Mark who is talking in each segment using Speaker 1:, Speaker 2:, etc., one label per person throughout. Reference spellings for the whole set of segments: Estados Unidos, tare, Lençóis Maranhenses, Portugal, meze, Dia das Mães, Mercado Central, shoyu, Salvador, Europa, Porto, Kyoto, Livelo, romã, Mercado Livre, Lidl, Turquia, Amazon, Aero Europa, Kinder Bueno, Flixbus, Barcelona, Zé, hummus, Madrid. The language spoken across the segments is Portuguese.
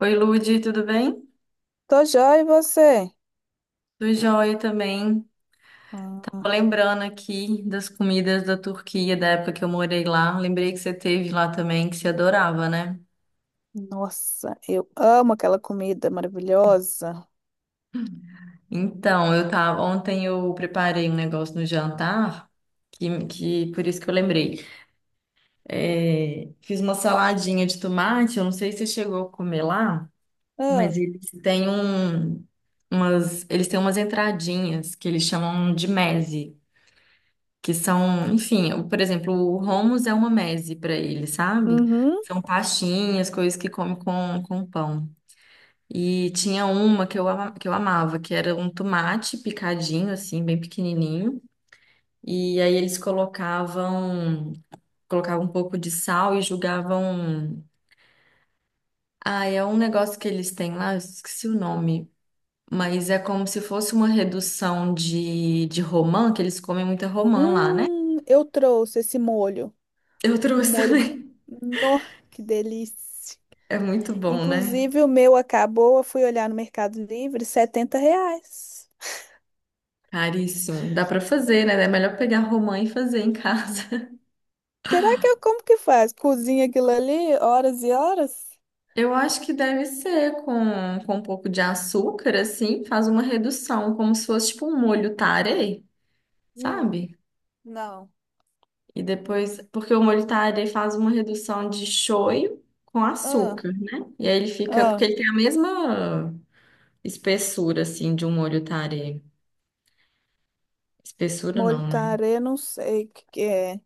Speaker 1: Oi, Lude, tudo bem?
Speaker 2: Tô joia, e você?
Speaker 1: Tudo jóia também. Tava
Speaker 2: Ah,
Speaker 1: lembrando aqui das comidas da Turquia, da época que eu morei lá. Lembrei que você teve lá também, que você adorava, né?
Speaker 2: nossa, eu amo aquela comida maravilhosa.
Speaker 1: Então, eu tava, ontem eu preparei um negócio no jantar, que por isso que eu lembrei. É, fiz uma saladinha de tomate, eu não sei se você chegou a comer lá,
Speaker 2: Ah,
Speaker 1: mas eles têm um, umas, eles têm umas entradinhas que eles chamam de meze. Que são, enfim, por exemplo, o hummus é uma meze para ele, sabe?
Speaker 2: uhum.
Speaker 1: São pastinhas, coisas que come com pão. E tinha uma que que eu amava, que era um tomate picadinho, assim, bem pequenininho. E aí eles colocavam, colocavam um pouco de sal e jogavam. Ah, é um negócio que eles têm lá, eu esqueci o nome. Mas é como se fosse uma redução de romã, que eles comem muita romã lá, né?
Speaker 2: Eu trouxe esse molho.
Speaker 1: Eu
Speaker 2: Um
Speaker 1: trouxe
Speaker 2: molho.
Speaker 1: também.
Speaker 2: Nó, que delícia.
Speaker 1: É muito bom, né?
Speaker 2: Inclusive, o meu acabou. Eu fui olhar no Mercado Livre, R$ 70.
Speaker 1: Caríssimo. Dá pra fazer, né? É melhor pegar romã e fazer em casa.
Speaker 2: Será que eu como que faz? Cozinha aquilo ali horas e horas?
Speaker 1: Eu acho que deve ser com um pouco de açúcar, assim, faz uma redução, como se fosse tipo um molho tare,
Speaker 2: Hum,
Speaker 1: sabe?
Speaker 2: não.
Speaker 1: E depois, porque o molho tare faz uma redução de shoyu com
Speaker 2: Ah,
Speaker 1: açúcar, né? E aí ele fica, porque
Speaker 2: ah,
Speaker 1: ele tem a mesma espessura, assim, de um molho tare. Espessura
Speaker 2: molho
Speaker 1: não, né?
Speaker 2: tarê, não sei o que que é.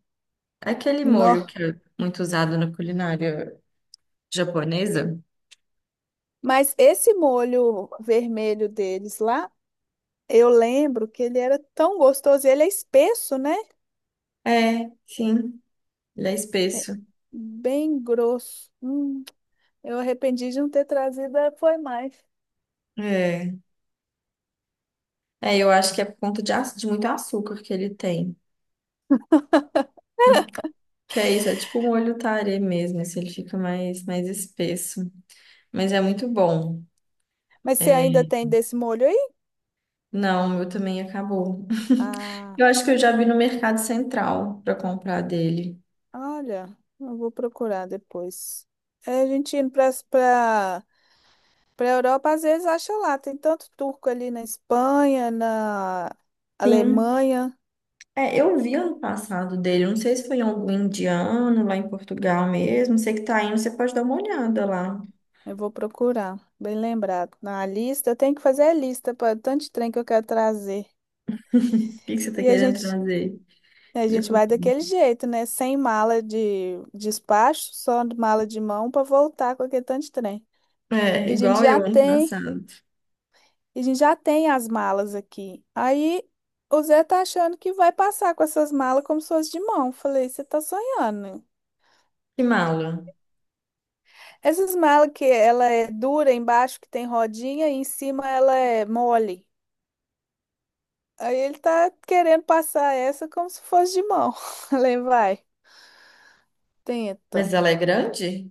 Speaker 1: É aquele molho
Speaker 2: Nó.
Speaker 1: que é muito usado na culinária japonesa.
Speaker 2: Mas esse molho vermelho deles lá, eu lembro que ele era tão gostoso. Ele é espesso, né?
Speaker 1: É, sim. Ele é
Speaker 2: É
Speaker 1: espesso.
Speaker 2: bem grosso. Eu arrependi de não ter trazido, foi mais.
Speaker 1: É. É, eu acho que é por conta de muito açúcar que ele tem. Que é isso, é tipo um molho tarê mesmo, esse ele fica mais, mais espesso. Mas é muito bom.
Speaker 2: Mas você ainda
Speaker 1: É,
Speaker 2: tem desse molho aí?
Speaker 1: não, o meu também acabou.
Speaker 2: Ah,
Speaker 1: Eu acho que eu já vi no Mercado Central para comprar dele.
Speaker 2: olha, eu vou procurar depois. É, a gente indo para para para Europa, às vezes acha lá. Tem tanto turco ali na Espanha, na
Speaker 1: Sim.
Speaker 2: Alemanha.
Speaker 1: É, eu vi ano passado dele, não sei se foi em algum indiano lá em Portugal mesmo. Sei que tá indo, você pode dar uma olhada lá. O
Speaker 2: Eu vou procurar, bem lembrado. Na lista, eu tenho que fazer a lista para tanto de trem que eu quero trazer.
Speaker 1: que que você tá
Speaker 2: E a
Speaker 1: querendo
Speaker 2: gente,
Speaker 1: trazer
Speaker 2: a
Speaker 1: de
Speaker 2: gente vai
Speaker 1: comida?
Speaker 2: daquele jeito, né? Sem mala de despacho, só de mala de mão para voltar com aquele tanto de trem. E
Speaker 1: É,
Speaker 2: a gente
Speaker 1: igual
Speaker 2: já
Speaker 1: eu ano
Speaker 2: tem,
Speaker 1: passado.
Speaker 2: e a gente já tem as malas aqui. Aí o Zé tá achando que vai passar com essas malas como se fosse de mão. Falei, você tá sonhando.
Speaker 1: Que mala.
Speaker 2: Essas malas que ela é dura embaixo, que tem rodinha, e em cima ela é mole. Aí ele tá querendo passar essa como se fosse de mão. Falei, vai,
Speaker 1: Mas
Speaker 2: tenta.
Speaker 1: ela é grande?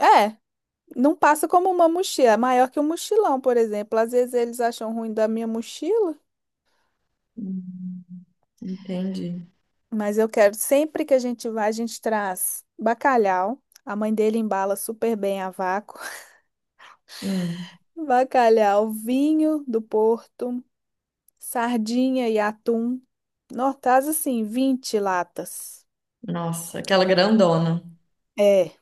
Speaker 2: É, é, não passa como uma mochila, é maior que um mochilão, por exemplo. Às vezes eles acham ruim da minha mochila,
Speaker 1: Hum, entendi.
Speaker 2: mas eu quero, sempre que a gente vai, a gente traz bacalhau. A mãe dele embala super bem a vácuo.
Speaker 1: Hum,
Speaker 2: Bacalhau, vinho do Porto, sardinha e atum. Nós traz assim 20 latas.
Speaker 1: nossa, aquela grandona.
Speaker 2: É.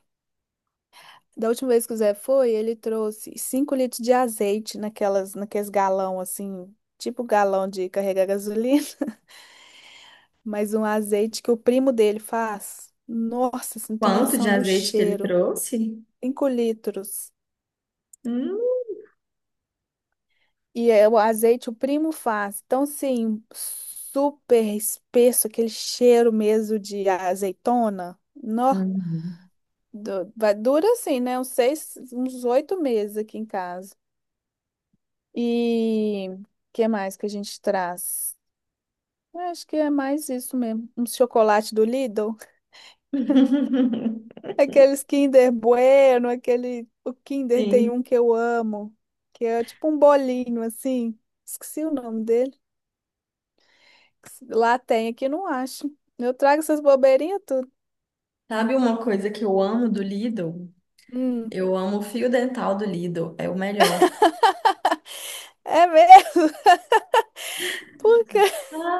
Speaker 2: Da última vez que o Zé foi, ele trouxe 5 litros de azeite naqueles galão assim, tipo galão de carregar gasolina, mas um azeite que o primo dele faz. Nossa, você não tem
Speaker 1: Quanto de
Speaker 2: noção do
Speaker 1: azeite que ele
Speaker 2: cheiro.
Speaker 1: trouxe?
Speaker 2: 5 litros.
Speaker 1: Hum.
Speaker 2: E é o azeite o primo faz. Então, sim, super espesso, aquele cheiro mesmo de azeitona. Nó,
Speaker 1: Uhum.
Speaker 2: dura assim, né? Uns 6, uns 8 meses aqui em casa. E o que mais que a gente traz? Eu acho que é mais isso mesmo. Um chocolate do Lidl. Aqueles Kinder Bueno, aquele. O Kinder tem
Speaker 1: Sim.
Speaker 2: um que eu amo, que é tipo um bolinho assim. Esqueci o nome dele. Lá tem, aqui não acho. Eu trago essas bobeirinhas tudo.
Speaker 1: Sabe uma coisa que eu amo do Lidl?
Speaker 2: Hum.
Speaker 1: Eu amo o fio dental do Lidl, é o melhor.
Speaker 2: É mesmo? Por quê?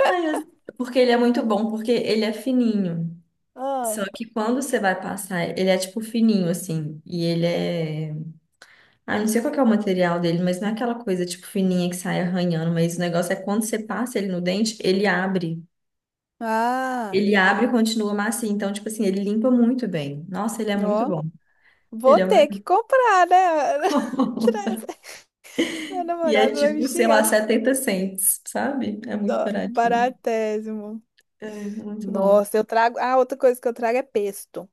Speaker 1: Ai, eu- porque ele é muito bom, porque ele é fininho.
Speaker 2: Ah,
Speaker 1: Só que quando você vai passar, ele é tipo fininho assim, e ele é Ah, não sei qual que é o material dele, mas não é aquela coisa tipo fininha que sai arranhando, mas o negócio é quando você passa ele no dente, ele abre.
Speaker 2: ah,
Speaker 1: Ele abre e continua macio. Então, tipo assim, ele limpa muito bem. Nossa, ele é muito
Speaker 2: ó.
Speaker 1: bom.
Speaker 2: Vou
Speaker 1: Ele é
Speaker 2: ter que
Speaker 1: maravilhoso.
Speaker 2: comprar, né? Trazer. Meu
Speaker 1: E é
Speaker 2: namorado vai me
Speaker 1: tipo, sei
Speaker 2: xingar.
Speaker 1: lá, 70 cents, sabe? É muito
Speaker 2: Ó,
Speaker 1: baratinho.
Speaker 2: baratésimo.
Speaker 1: É, muito bom.
Speaker 2: Nossa, eu trago. Ah, outra coisa que eu trago é pesto.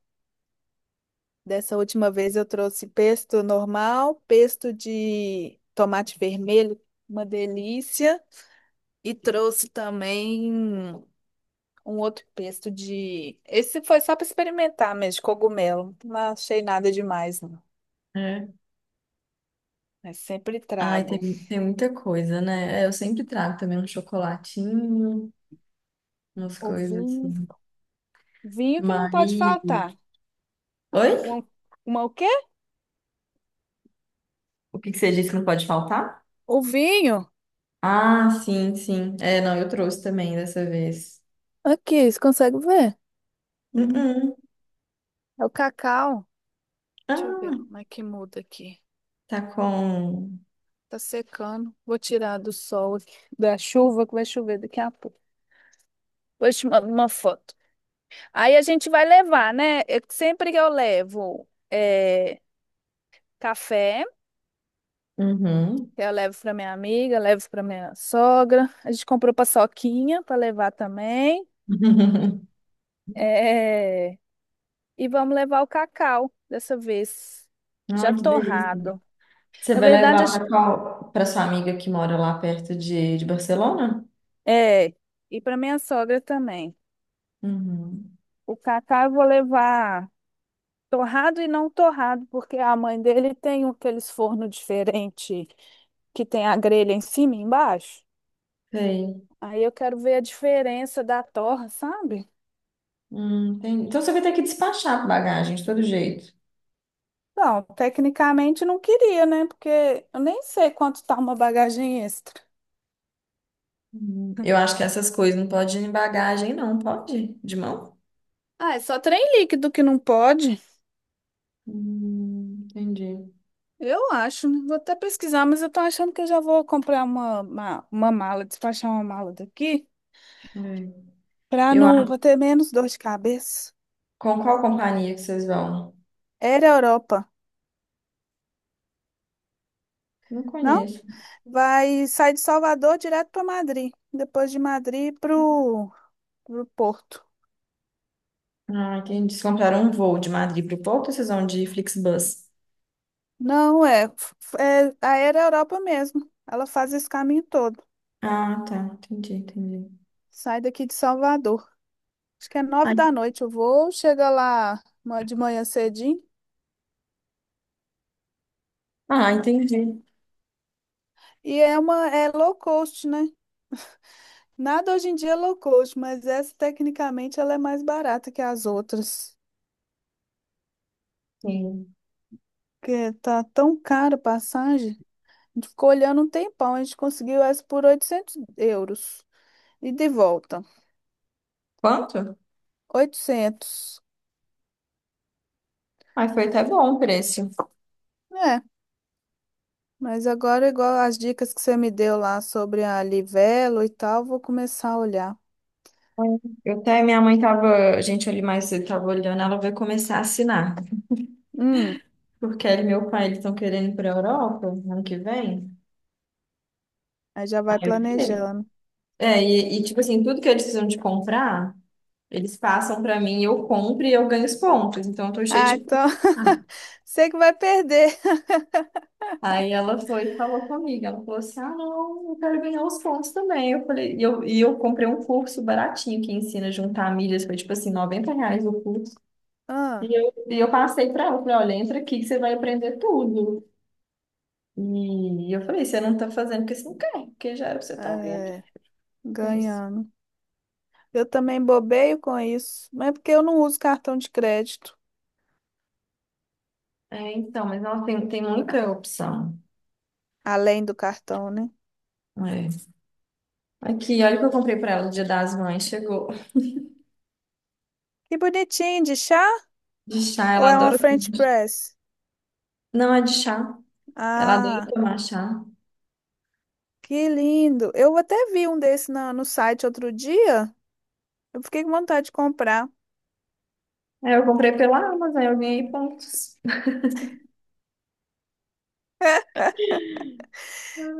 Speaker 2: Dessa última vez eu trouxe pesto normal, pesto de tomate vermelho, uma delícia, e trouxe também um outro pesto de. Esse foi só para experimentar mesmo, de cogumelo. Não achei nada demais, não.
Speaker 1: É.
Speaker 2: Mas sempre
Speaker 1: Ai,
Speaker 2: trago.
Speaker 1: tem, tem muita coisa, né? É, eu sempre trago também um chocolatinho, umas
Speaker 2: O
Speaker 1: coisas
Speaker 2: vinho.
Speaker 1: assim.
Speaker 2: Vinho que não
Speaker 1: Mas.
Speaker 2: pode faltar.
Speaker 1: Oi?
Speaker 2: Uma, uma o quê?
Speaker 1: O que que você disse que não pode faltar?
Speaker 2: O vinho.
Speaker 1: Ah, sim, sim. É, não, eu trouxe também dessa vez.
Speaker 2: Aqui, você consegue ver? Hum,
Speaker 1: Uh-uh.
Speaker 2: É o cacau. Deixa eu ver
Speaker 1: Ah,
Speaker 2: como é que muda aqui.
Speaker 1: tá com.
Speaker 2: Tá secando. Vou tirar do sol, aqui, da chuva, que vai chover daqui a pouco. Vou te mandar uma foto. Aí a gente vai levar, né? Sempre que eu levo café,
Speaker 1: Uhum.
Speaker 2: que eu levo para minha amiga, levo para minha sogra. A gente comprou paçoquinha para levar também. É, e vamos levar o cacau dessa vez, já
Speaker 1: Ai, que delícia.
Speaker 2: torrado.
Speaker 1: Você
Speaker 2: Na
Speaker 1: vai
Speaker 2: verdade,
Speaker 1: levar para qual? Para sua amiga que mora lá perto de Barcelona?
Speaker 2: é, e para minha sogra também.
Speaker 1: Uhum.
Speaker 2: O cacau eu vou levar. Torrado e não torrado, porque a mãe dele tem aqueles forno diferente que tem a grelha em cima e embaixo.
Speaker 1: Sei.
Speaker 2: Aí eu quero ver a diferença da torra, sabe?
Speaker 1: Tem... Então você vai ter que despachar bagagem de todo jeito.
Speaker 2: Não, tecnicamente não queria, né? Porque eu nem sei quanto tá uma bagagem extra.
Speaker 1: Eu acho que essas coisas não pode ir em bagagem, não, pode? De mão?
Speaker 2: Ah, é só trem líquido que não pode.
Speaker 1: Entendi.
Speaker 2: Eu acho, né? Vou até pesquisar, mas eu tô achando que eu já vou comprar uma mala, despachar uma mala daqui,
Speaker 1: É.
Speaker 2: pra
Speaker 1: Eu
Speaker 2: não,
Speaker 1: acho.
Speaker 2: pra ter menos dor de cabeça.
Speaker 1: Com qual companhia que vocês vão?
Speaker 2: Era Europa.
Speaker 1: Não
Speaker 2: Não,
Speaker 1: conheço.
Speaker 2: vai sair de Salvador direto para Madrid. Depois de Madrid para o Porto.
Speaker 1: Ah, entendi. Vocês compraram um voo de Madrid para o Porto, ou vocês vão de Flixbus?
Speaker 2: Não, é, f- é a Aero Europa mesmo. Ela faz esse caminho todo.
Speaker 1: Ah, tá. Entendi, entendi.
Speaker 2: Sai daqui de Salvador. Acho que é nove
Speaker 1: Ai,
Speaker 2: da noite o voo. Chega lá de manhã cedinho.
Speaker 1: ah, entendi.
Speaker 2: E é uma é low cost, né? Nada hoje em dia é low cost, mas essa tecnicamente ela é mais barata que as outras.
Speaker 1: Sim.
Speaker 2: Porque tá tão cara a passagem. A gente ficou olhando um tempão. A gente conseguiu essa por 800 euros. E de volta.
Speaker 1: Quanto?
Speaker 2: 800.
Speaker 1: Ai, foi até bom o preço.
Speaker 2: É, mas agora, igual as dicas que você me deu lá sobre a Livelo e tal, vou começar a olhar.
Speaker 1: Foi. Eu até, minha mãe tava, a gente, ali mais cedo tava olhando, ela vai começar a assinar.
Speaker 2: Hum,
Speaker 1: Porque ele e meu pai, eles estão querendo ir pra Europa ano que vem.
Speaker 2: aí já
Speaker 1: Aí
Speaker 2: vai
Speaker 1: eu falei.
Speaker 2: planejando.
Speaker 1: É, tipo assim, tudo que eles precisam de comprar, eles passam pra mim, eu compro e eu ganho os pontos. Então eu tô cheia de
Speaker 2: Ah,
Speaker 1: pontos.
Speaker 2: então. Sei que vai perder.
Speaker 1: Aí ela foi e falou comigo, ela falou assim, ah, não, eu quero ganhar os pontos também. Eu falei, e eu comprei um curso baratinho que ensina a juntar milhas, foi tipo assim, 90 reais o curso.
Speaker 2: Ah,
Speaker 1: E eu passei para ela, falei, olha, entra aqui que você vai aprender tudo. E eu falei, você não tá fazendo porque você não quer, porque já era pra você tá ganhando
Speaker 2: é,
Speaker 1: com isso.
Speaker 2: ganhando. Eu também bobeio com isso, mas é porque eu não uso cartão de crédito,
Speaker 1: É, então, mas ela tem, tem muita opção.
Speaker 2: além do cartão, né?
Speaker 1: É. Aqui, olha o que eu comprei para ela no Dia das Mães, chegou.
Speaker 2: Que bonitinho, de chá?
Speaker 1: De chá,
Speaker 2: Ou
Speaker 1: ela
Speaker 2: é uma
Speaker 1: adora.
Speaker 2: French press?
Speaker 1: Não é de chá, ela adora
Speaker 2: Ah,
Speaker 1: tomar chá.
Speaker 2: que lindo. Eu até vi um desse no site outro dia. Eu fiquei com vontade de comprar. O
Speaker 1: Aí eu comprei pela Amazon, eu ganhei pontos.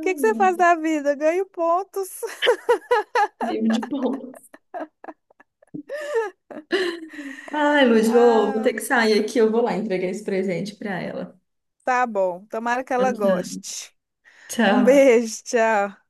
Speaker 2: que que você faz da vida? Ganho pontos.
Speaker 1: vivo de pontos. Ai, Luz, vou, vou ter
Speaker 2: Ah,
Speaker 1: que sair aqui, eu vou lá entregar esse presente pra ela.
Speaker 2: tá bom. Tomara que ela
Speaker 1: Tá.
Speaker 2: goste. Um
Speaker 1: Tchau.
Speaker 2: beijo, tchau.